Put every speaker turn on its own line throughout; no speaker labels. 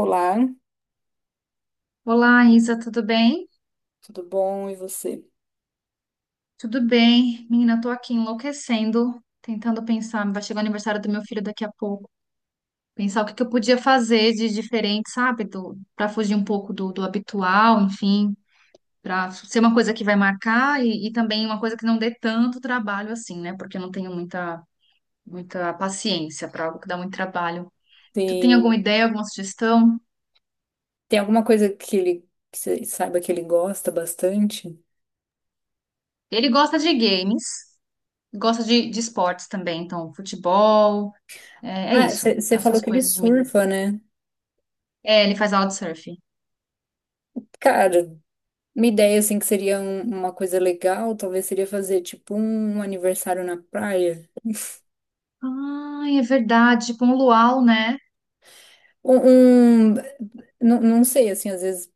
Olá,
Olá, Isa, tudo bem?
tudo bom? E você?
Tudo bem. Menina, eu tô aqui enlouquecendo, tentando pensar. Vai chegar o aniversário do meu filho daqui a pouco. Pensar o que que eu podia fazer de diferente, sabe? Para fugir um pouco do habitual, enfim, para ser uma coisa que vai marcar e também uma coisa que não dê tanto trabalho assim, né? Porque eu não tenho muita paciência para algo que dá muito trabalho. Tu tem
Tem,
alguma ideia, alguma sugestão?
tem alguma coisa que ele que você saiba que ele gosta bastante?
Ele gosta de games, gosta de esportes também, então futebol. É, é
Ah,
isso, tá?
você falou
Essas
que ele
coisas de menino.
surfa, né?
É, ele faz aula de surf.
Cara, uma ideia assim que seria uma coisa legal, talvez seria fazer tipo um aniversário na praia.
Ai, é verdade, com o luau, né?
Um, um- não sei, assim, às vezes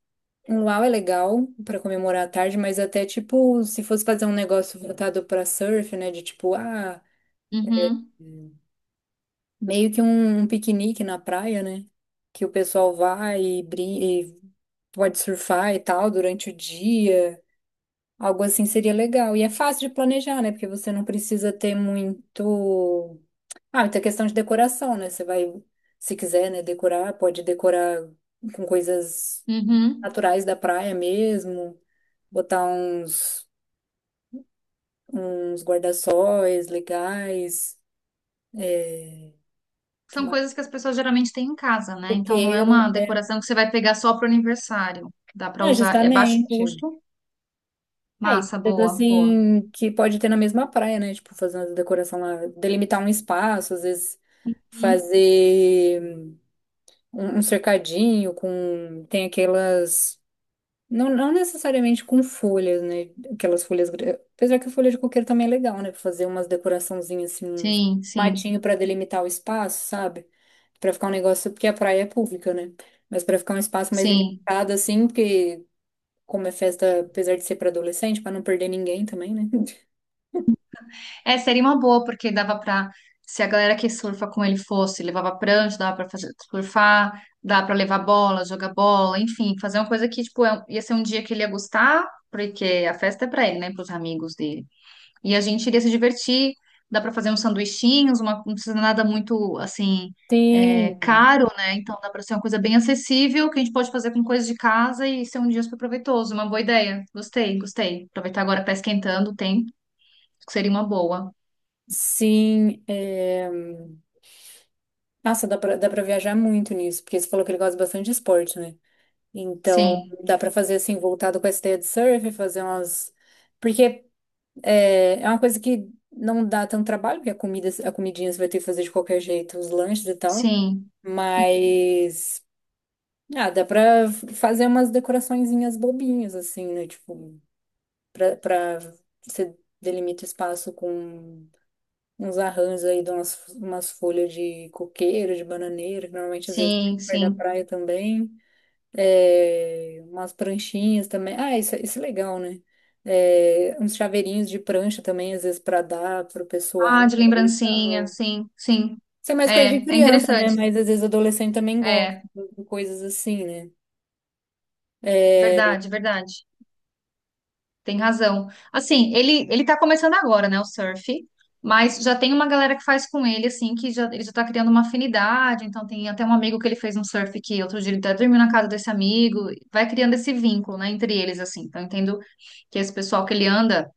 um luau é legal pra comemorar a tarde, mas até tipo, se fosse fazer um negócio voltado pra surf, né? De tipo, ah.
Uhum,
Meio que um piquenique na praia, né? Que o pessoal vai e pode surfar e tal durante o dia. Algo assim seria legal. E é fácil de planejar, né? Porque você não precisa ter muito. Ah, muita questão de decoração, né? Você vai, se quiser, né, decorar, pode decorar com coisas
uhum.
naturais da praia mesmo, botar uns guarda-sóis legais, é, que
São
mais?
coisas que as pessoas geralmente têm em casa, né? Então não é
Coqueiro.
uma decoração que você vai pegar só pro aniversário. Dá pra
É,
usar, é baixo
justamente.
custo.
É, e
Massa,
coisas
boa, boa.
assim que pode ter na mesma praia, né? Tipo, fazer uma decoração lá, delimitar um espaço, às vezes
Hum,
fazer um cercadinho com. Tem aquelas. Não, não necessariamente com folhas, né? Aquelas folhas. Apesar que a folha de coqueiro também é legal, né? Pra fazer umas decoraçãozinhas assim, uns
Sim, sim,
matinho pra delimitar o espaço, sabe? Pra ficar um negócio. Porque a praia é pública, né? Mas pra ficar um espaço mais
sim.
delimitado, assim, porque como é festa, apesar de ser pra adolescente, pra não perder ninguém também, né?
É, seria uma boa, porque dava pra. Se a galera que surfa com ele fosse, levava prancha, dava pra fazer, surfar, dava pra levar bola, jogar bola, enfim, fazer uma coisa que, tipo, ia ser um dia que ele ia gostar, porque a festa é pra ele, né, pros amigos dele. E a gente iria se divertir, dá pra fazer uns sanduichinhos, uma, não precisa nada muito, assim, é,
Tem,
caro, né? Então dá pra ser uma coisa bem acessível, que a gente pode fazer com coisas de casa e ser um dia super proveitoso, uma boa ideia. Gostei, gostei. Aproveitar agora que tá esquentando o tempo, que seria uma boa.
sim. É, nossa, dá pra viajar muito nisso, porque você falou que ele gosta bastante de esporte, né? Então,
Sim,
dá pra fazer assim, voltado com essa ideia de surf, fazer umas. Porque é uma coisa que não dá tanto trabalho, porque a comida, a comidinha você vai ter que fazer de qualquer jeito, os lanches e tal.
sim, uhum,
Mas ah, dá pra fazer umas decoraçõezinhas bobinhas, assim, né? Tipo, pra você delimita espaço com uns arranjos aí de umas folhas de coqueiro, de bananeira, que normalmente às vezes tem
sim,
perto da
sim.
praia também. É, umas pranchinhas também. Ah, isso é legal, né? É, uns chaveirinhos de prancha também, às vezes, pra dar pro pessoal.
Ah, de lembrancinha,
Legal.
sim, sim.
Isso é mais coisa de
É, é
criança, né?
interessante.
Mas às vezes adolescente também gosta
É,
de coisas assim, né? É,
verdade, verdade. Tem razão. Assim, ele tá começando agora, né, o surf, mas já tem uma galera que faz com ele, assim, que já, ele já tá criando uma afinidade. Então, tem até um amigo que ele fez um surf que outro dia ele até dormiu na casa desse amigo. Vai criando esse vínculo, né, entre eles, assim. Então, eu entendo que esse pessoal que ele anda.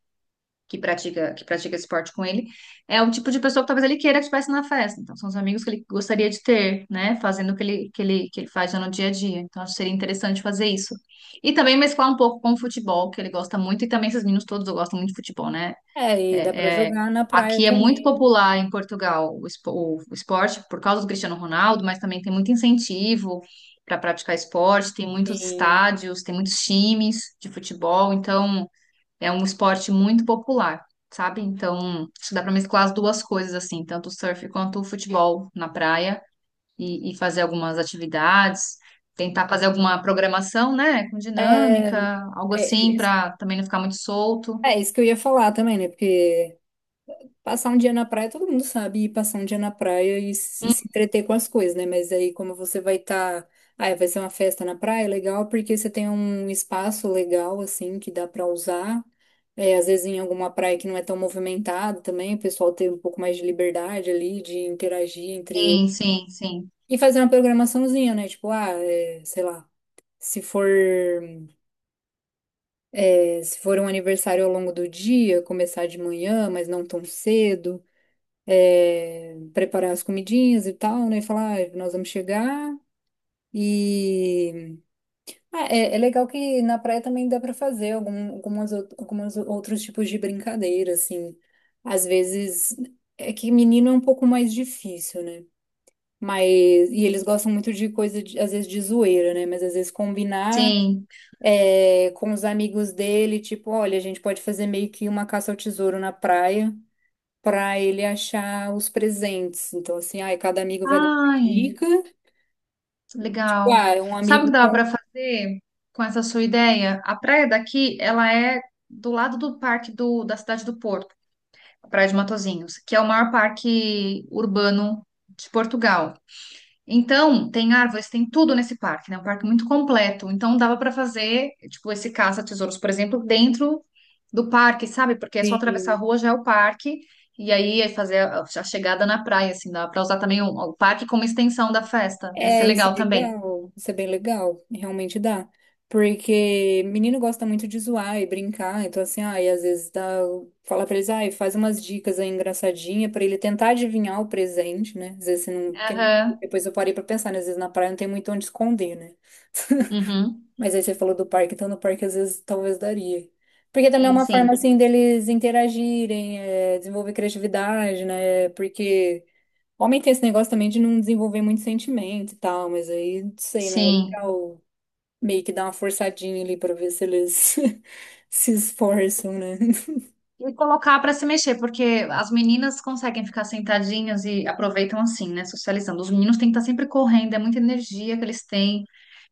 Que pratica, que pratica esporte com ele, é o tipo de pessoa que talvez ele queira que estivesse na festa. Então, são os amigos que ele gostaria de ter, né? Fazendo o que ele, que ele faz já no dia a dia. Então, acho que seria interessante fazer isso. E também mesclar um pouco com o futebol, que ele gosta muito, e também esses meninos todos gostam muito de futebol, né?
É, e dá pra
É, é,
jogar na praia
aqui é muito
também.
popular em Portugal o o esporte por causa do Cristiano Ronaldo, mas também tem muito incentivo. Para praticar esporte, tem muitos
Sim.
estádios, tem muitos times de futebol, então é um esporte muito popular, sabe? Então, acho que dá para mesclar as duas coisas, assim, tanto o surf quanto o futebol na praia e fazer algumas atividades, tentar fazer alguma programação, né, com
É, é,
dinâmica, algo
é
assim,
isso
para também não ficar muito solto.
é isso que eu ia falar também, né? Porque passar um dia na praia, todo mundo sabe ir passar um dia na praia e se,
Hum,
se entreter com as coisas, né? Mas aí, como você vai estar. Ah, vai ser uma festa na praia, é legal, porque você tem um espaço legal, assim, que dá pra usar. É, às vezes em alguma praia que não é tão movimentada também, o pessoal tem um pouco mais de liberdade ali, de interagir entre
Sim,
eles.
sim, sim,
E fazer uma programaçãozinha, né? Tipo, ah, é, sei lá, se for. É, se for um aniversário ao longo do dia, começar de manhã, mas não tão cedo, é, preparar as comidinhas e tal, né? Falar, "Ah, nós vamos chegar e. Ah, é legal que na praia também dá para fazer algum, algumas, algumas outros tipos de brincadeira, assim. Às vezes é que menino é um pouco mais difícil, né? Mas, e eles gostam muito de coisa, às vezes, de zoeira, né? Mas às vezes combinar.
sim.
É, com os amigos dele, tipo, olha, a gente pode fazer meio que uma caça ao tesouro na praia pra ele achar os presentes. Então, assim, ai, cada amigo vai dar uma
Ai,
dica. Tipo,
legal.
ah, um
Sabe o que
amigo
dava
com.
para fazer com essa sua ideia? A praia daqui, ela é do lado do parque da cidade do Porto. Praia de Matozinhos, que é o maior parque urbano de Portugal. Então, tem árvores, tem tudo nesse parque, né? Um parque muito completo. Então, dava para fazer, tipo, esse caça-tesouros, por exemplo, dentro do parque, sabe? Porque é só atravessar a
Sim.
rua, já é o parque. E aí, é fazer a chegada na praia, assim, dava para usar também o parque como extensão da festa. Ia ser
É, isso é
legal também.
legal. Isso é bem legal. Realmente dá. Porque menino gosta muito de zoar e brincar. Então, assim, ai, às vezes dá. Fala pra eles, ai, faz umas dicas aí engraçadinha pra ele tentar adivinhar o presente, né? Às vezes você não.
Aham.
Depois eu parei pra pensar, né? Às vezes na praia não tem muito onde esconder, né?
Uhum.
Mas aí você falou do parque, então no parque às vezes talvez daria. Porque também é
Sim,
uma forma
sim.
assim deles interagirem, é, desenvolver criatividade, né? Porque homem tem esse negócio também de não desenvolver muito sentimento e tal, mas aí, não sei, né? É
Sim.
legal meio que dar uma forçadinha ali pra ver se eles se esforçam, né?
E colocar para se mexer, porque as meninas conseguem ficar sentadinhas e aproveitam assim, né? Socializando. Os meninos têm que estar sempre correndo, é muita energia que eles têm.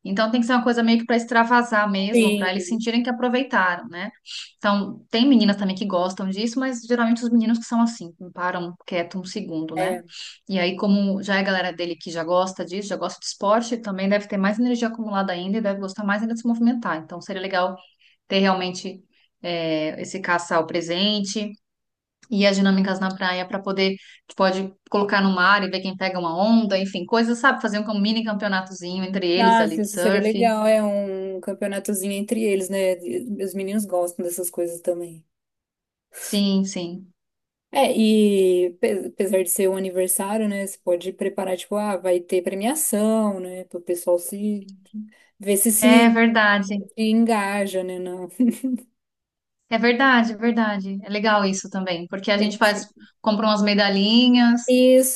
Então tem que ser uma coisa meio que para extravasar mesmo, para eles
Sim,
sentirem que aproveitaram, né? Então, tem meninas também que gostam disso, mas geralmente os meninos que são assim, que não param quieto um segundo, né?
é.
E aí, como já é a galera dele que já gosta disso, já gosta de esporte, também deve ter mais energia acumulada ainda e deve gostar mais ainda de se movimentar. Então, seria legal ter realmente esse caçar o presente e as dinâmicas na praia para poder, tu pode colocar no mar e ver quem pega uma onda, enfim, coisas, sabe? Fazer um mini campeonatozinho entre eles ali
Nossa,
de
isso seria
surf.
legal, é um campeonatozinho entre eles, né? Os meninos gostam dessas coisas também.
Sim, sim.
É, e apesar de ser um aniversário, né, você pode preparar, tipo, ah, vai ter premiação, né, pro pessoal se, ver se
É verdade.
se engaja, né, não.
É verdade, é verdade. É legal isso também, porque a gente
Negócio assim.
faz, compra umas medalhinhas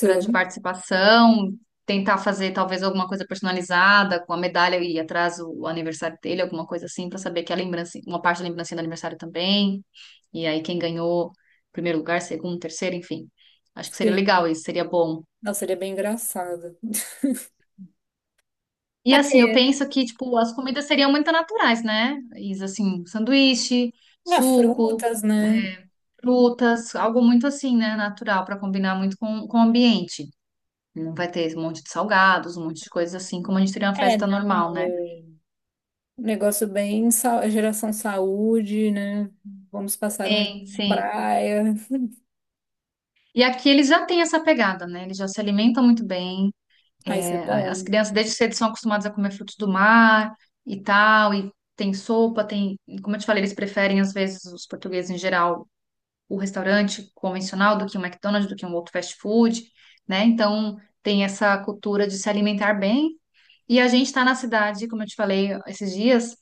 para de participação, tentar fazer talvez alguma coisa personalizada com a medalha e atrás o aniversário dele, alguma coisa assim, para saber que a lembrança, uma parte da lembrancinha do aniversário também. E aí quem ganhou primeiro lugar, segundo, terceiro, enfim. Acho que seria legal
sim.
isso, seria bom.
Nossa, seria bem engraçado.
E
É
assim, eu
porque,
penso que tipo as comidas seriam muito naturais, né? Isso assim, sanduíche,
ah,
suco
frutas, né,
frutas, algo muito assim, né? Natural, para combinar muito com o ambiente. Não vai ter um monte de salgados, um monte de coisas assim, como a gente teria uma
é,
festa normal,
não,
né?
é um negócio bem, geração saúde, né, vamos passar um dia
Sim,
na
sim.
praia,
E aqui eles já têm essa pegada, né? Eles já se alimentam muito bem.
ah, isso é
É, as
bom.
crianças desde cedo são acostumadas a comer frutos do mar e tal, e tem sopa, tem. Como eu te falei, eles preferem, às vezes, os portugueses em geral, o restaurante convencional do que um McDonald's, do que um outro fast food, né? Então, tem essa cultura de se alimentar bem. E a gente está na cidade, como eu te falei esses dias,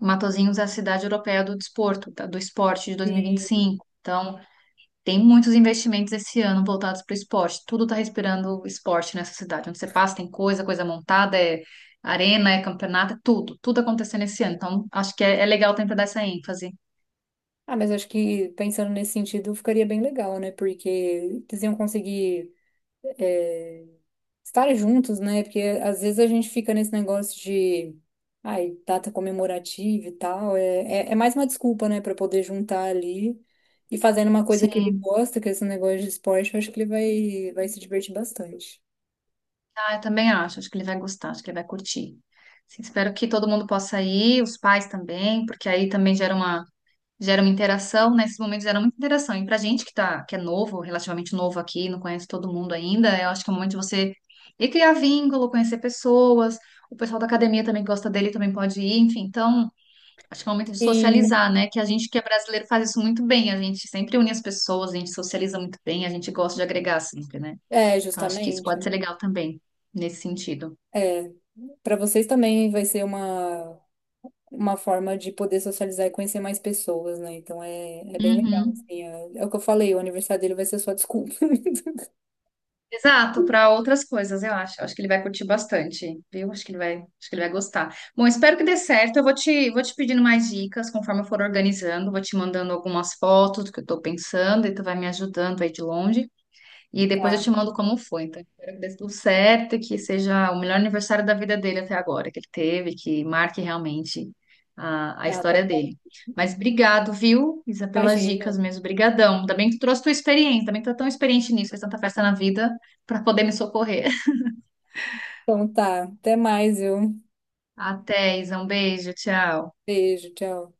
Matosinhos é a cidade europeia do desporto, tá? Do esporte de dois mil e vinte e
Sim.
cinco. Então, tem muitos investimentos esse ano voltados para o esporte. Tudo está respirando esporte nessa cidade. Onde você passa, tem coisa, coisa montada, é arena, é campeonato, é tudo. Tudo acontecendo esse ano. Então, acho que é, é legal tentar dar essa ênfase.
Ah, mas acho que pensando nesse sentido ficaria bem legal, né? Porque eles iam conseguir é, estar juntos, né? Porque às vezes a gente fica nesse negócio de ai, data comemorativa e tal. É mais uma desculpa, né? Pra poder juntar ali e fazendo uma coisa que ele
Sim,
gosta, que é esse negócio de esporte, eu acho que ele vai se divertir bastante.
ah, eu também acho. Acho que ele vai gostar, acho que ele vai curtir. Sim, espero que todo mundo possa ir, os pais também, porque aí também gera uma. Gera uma interação, nesses momentos gera muita interação. E pra gente que tá, que é novo, relativamente novo aqui, não conhece todo mundo ainda, eu acho que é o momento de você ir criar vínculo, conhecer pessoas. O pessoal da academia também que gosta dele, também pode ir, enfim. Então, acho que é o momento de
Sim,
socializar, né? Que a gente que é brasileiro faz isso muito bem. A gente sempre une as pessoas, a gente socializa muito bem, a gente gosta de agregar sempre, né?
é,
Então, acho que isso pode
justamente.
ser legal também, nesse sentido.
É, para vocês também vai ser uma. Uma forma de poder socializar e conhecer mais pessoas, né? Então é, é bem legal,
Uhum.
assim. É, é o que eu falei, o aniversário dele vai ser só desculpa.
Exato, para outras coisas, eu acho. Eu acho que ele vai curtir bastante, viu? Acho que ele vai, acho que ele vai gostar. Bom, espero que dê certo. Eu vou te pedindo mais dicas conforme eu for organizando, vou te mandando algumas fotos do que eu estou pensando e tu vai me ajudando aí de longe. E depois eu
Tá,
te mando como foi. Então, espero que dê tudo certo, e que seja o melhor aniversário da vida dele até agora, que ele teve, que marque realmente a
tá, tá
história
bom.
dele. Mas obrigado, viu, Isa, pelas
Imagina.
dicas mesmo. Brigadão. Ainda bem que tu trouxe tua experiência, também tu é tão experiente nisso, fez tanta festa na vida para poder me socorrer.
Então tá, até mais, viu?
Até, Isa, um beijo, tchau.
Beijo, tchau.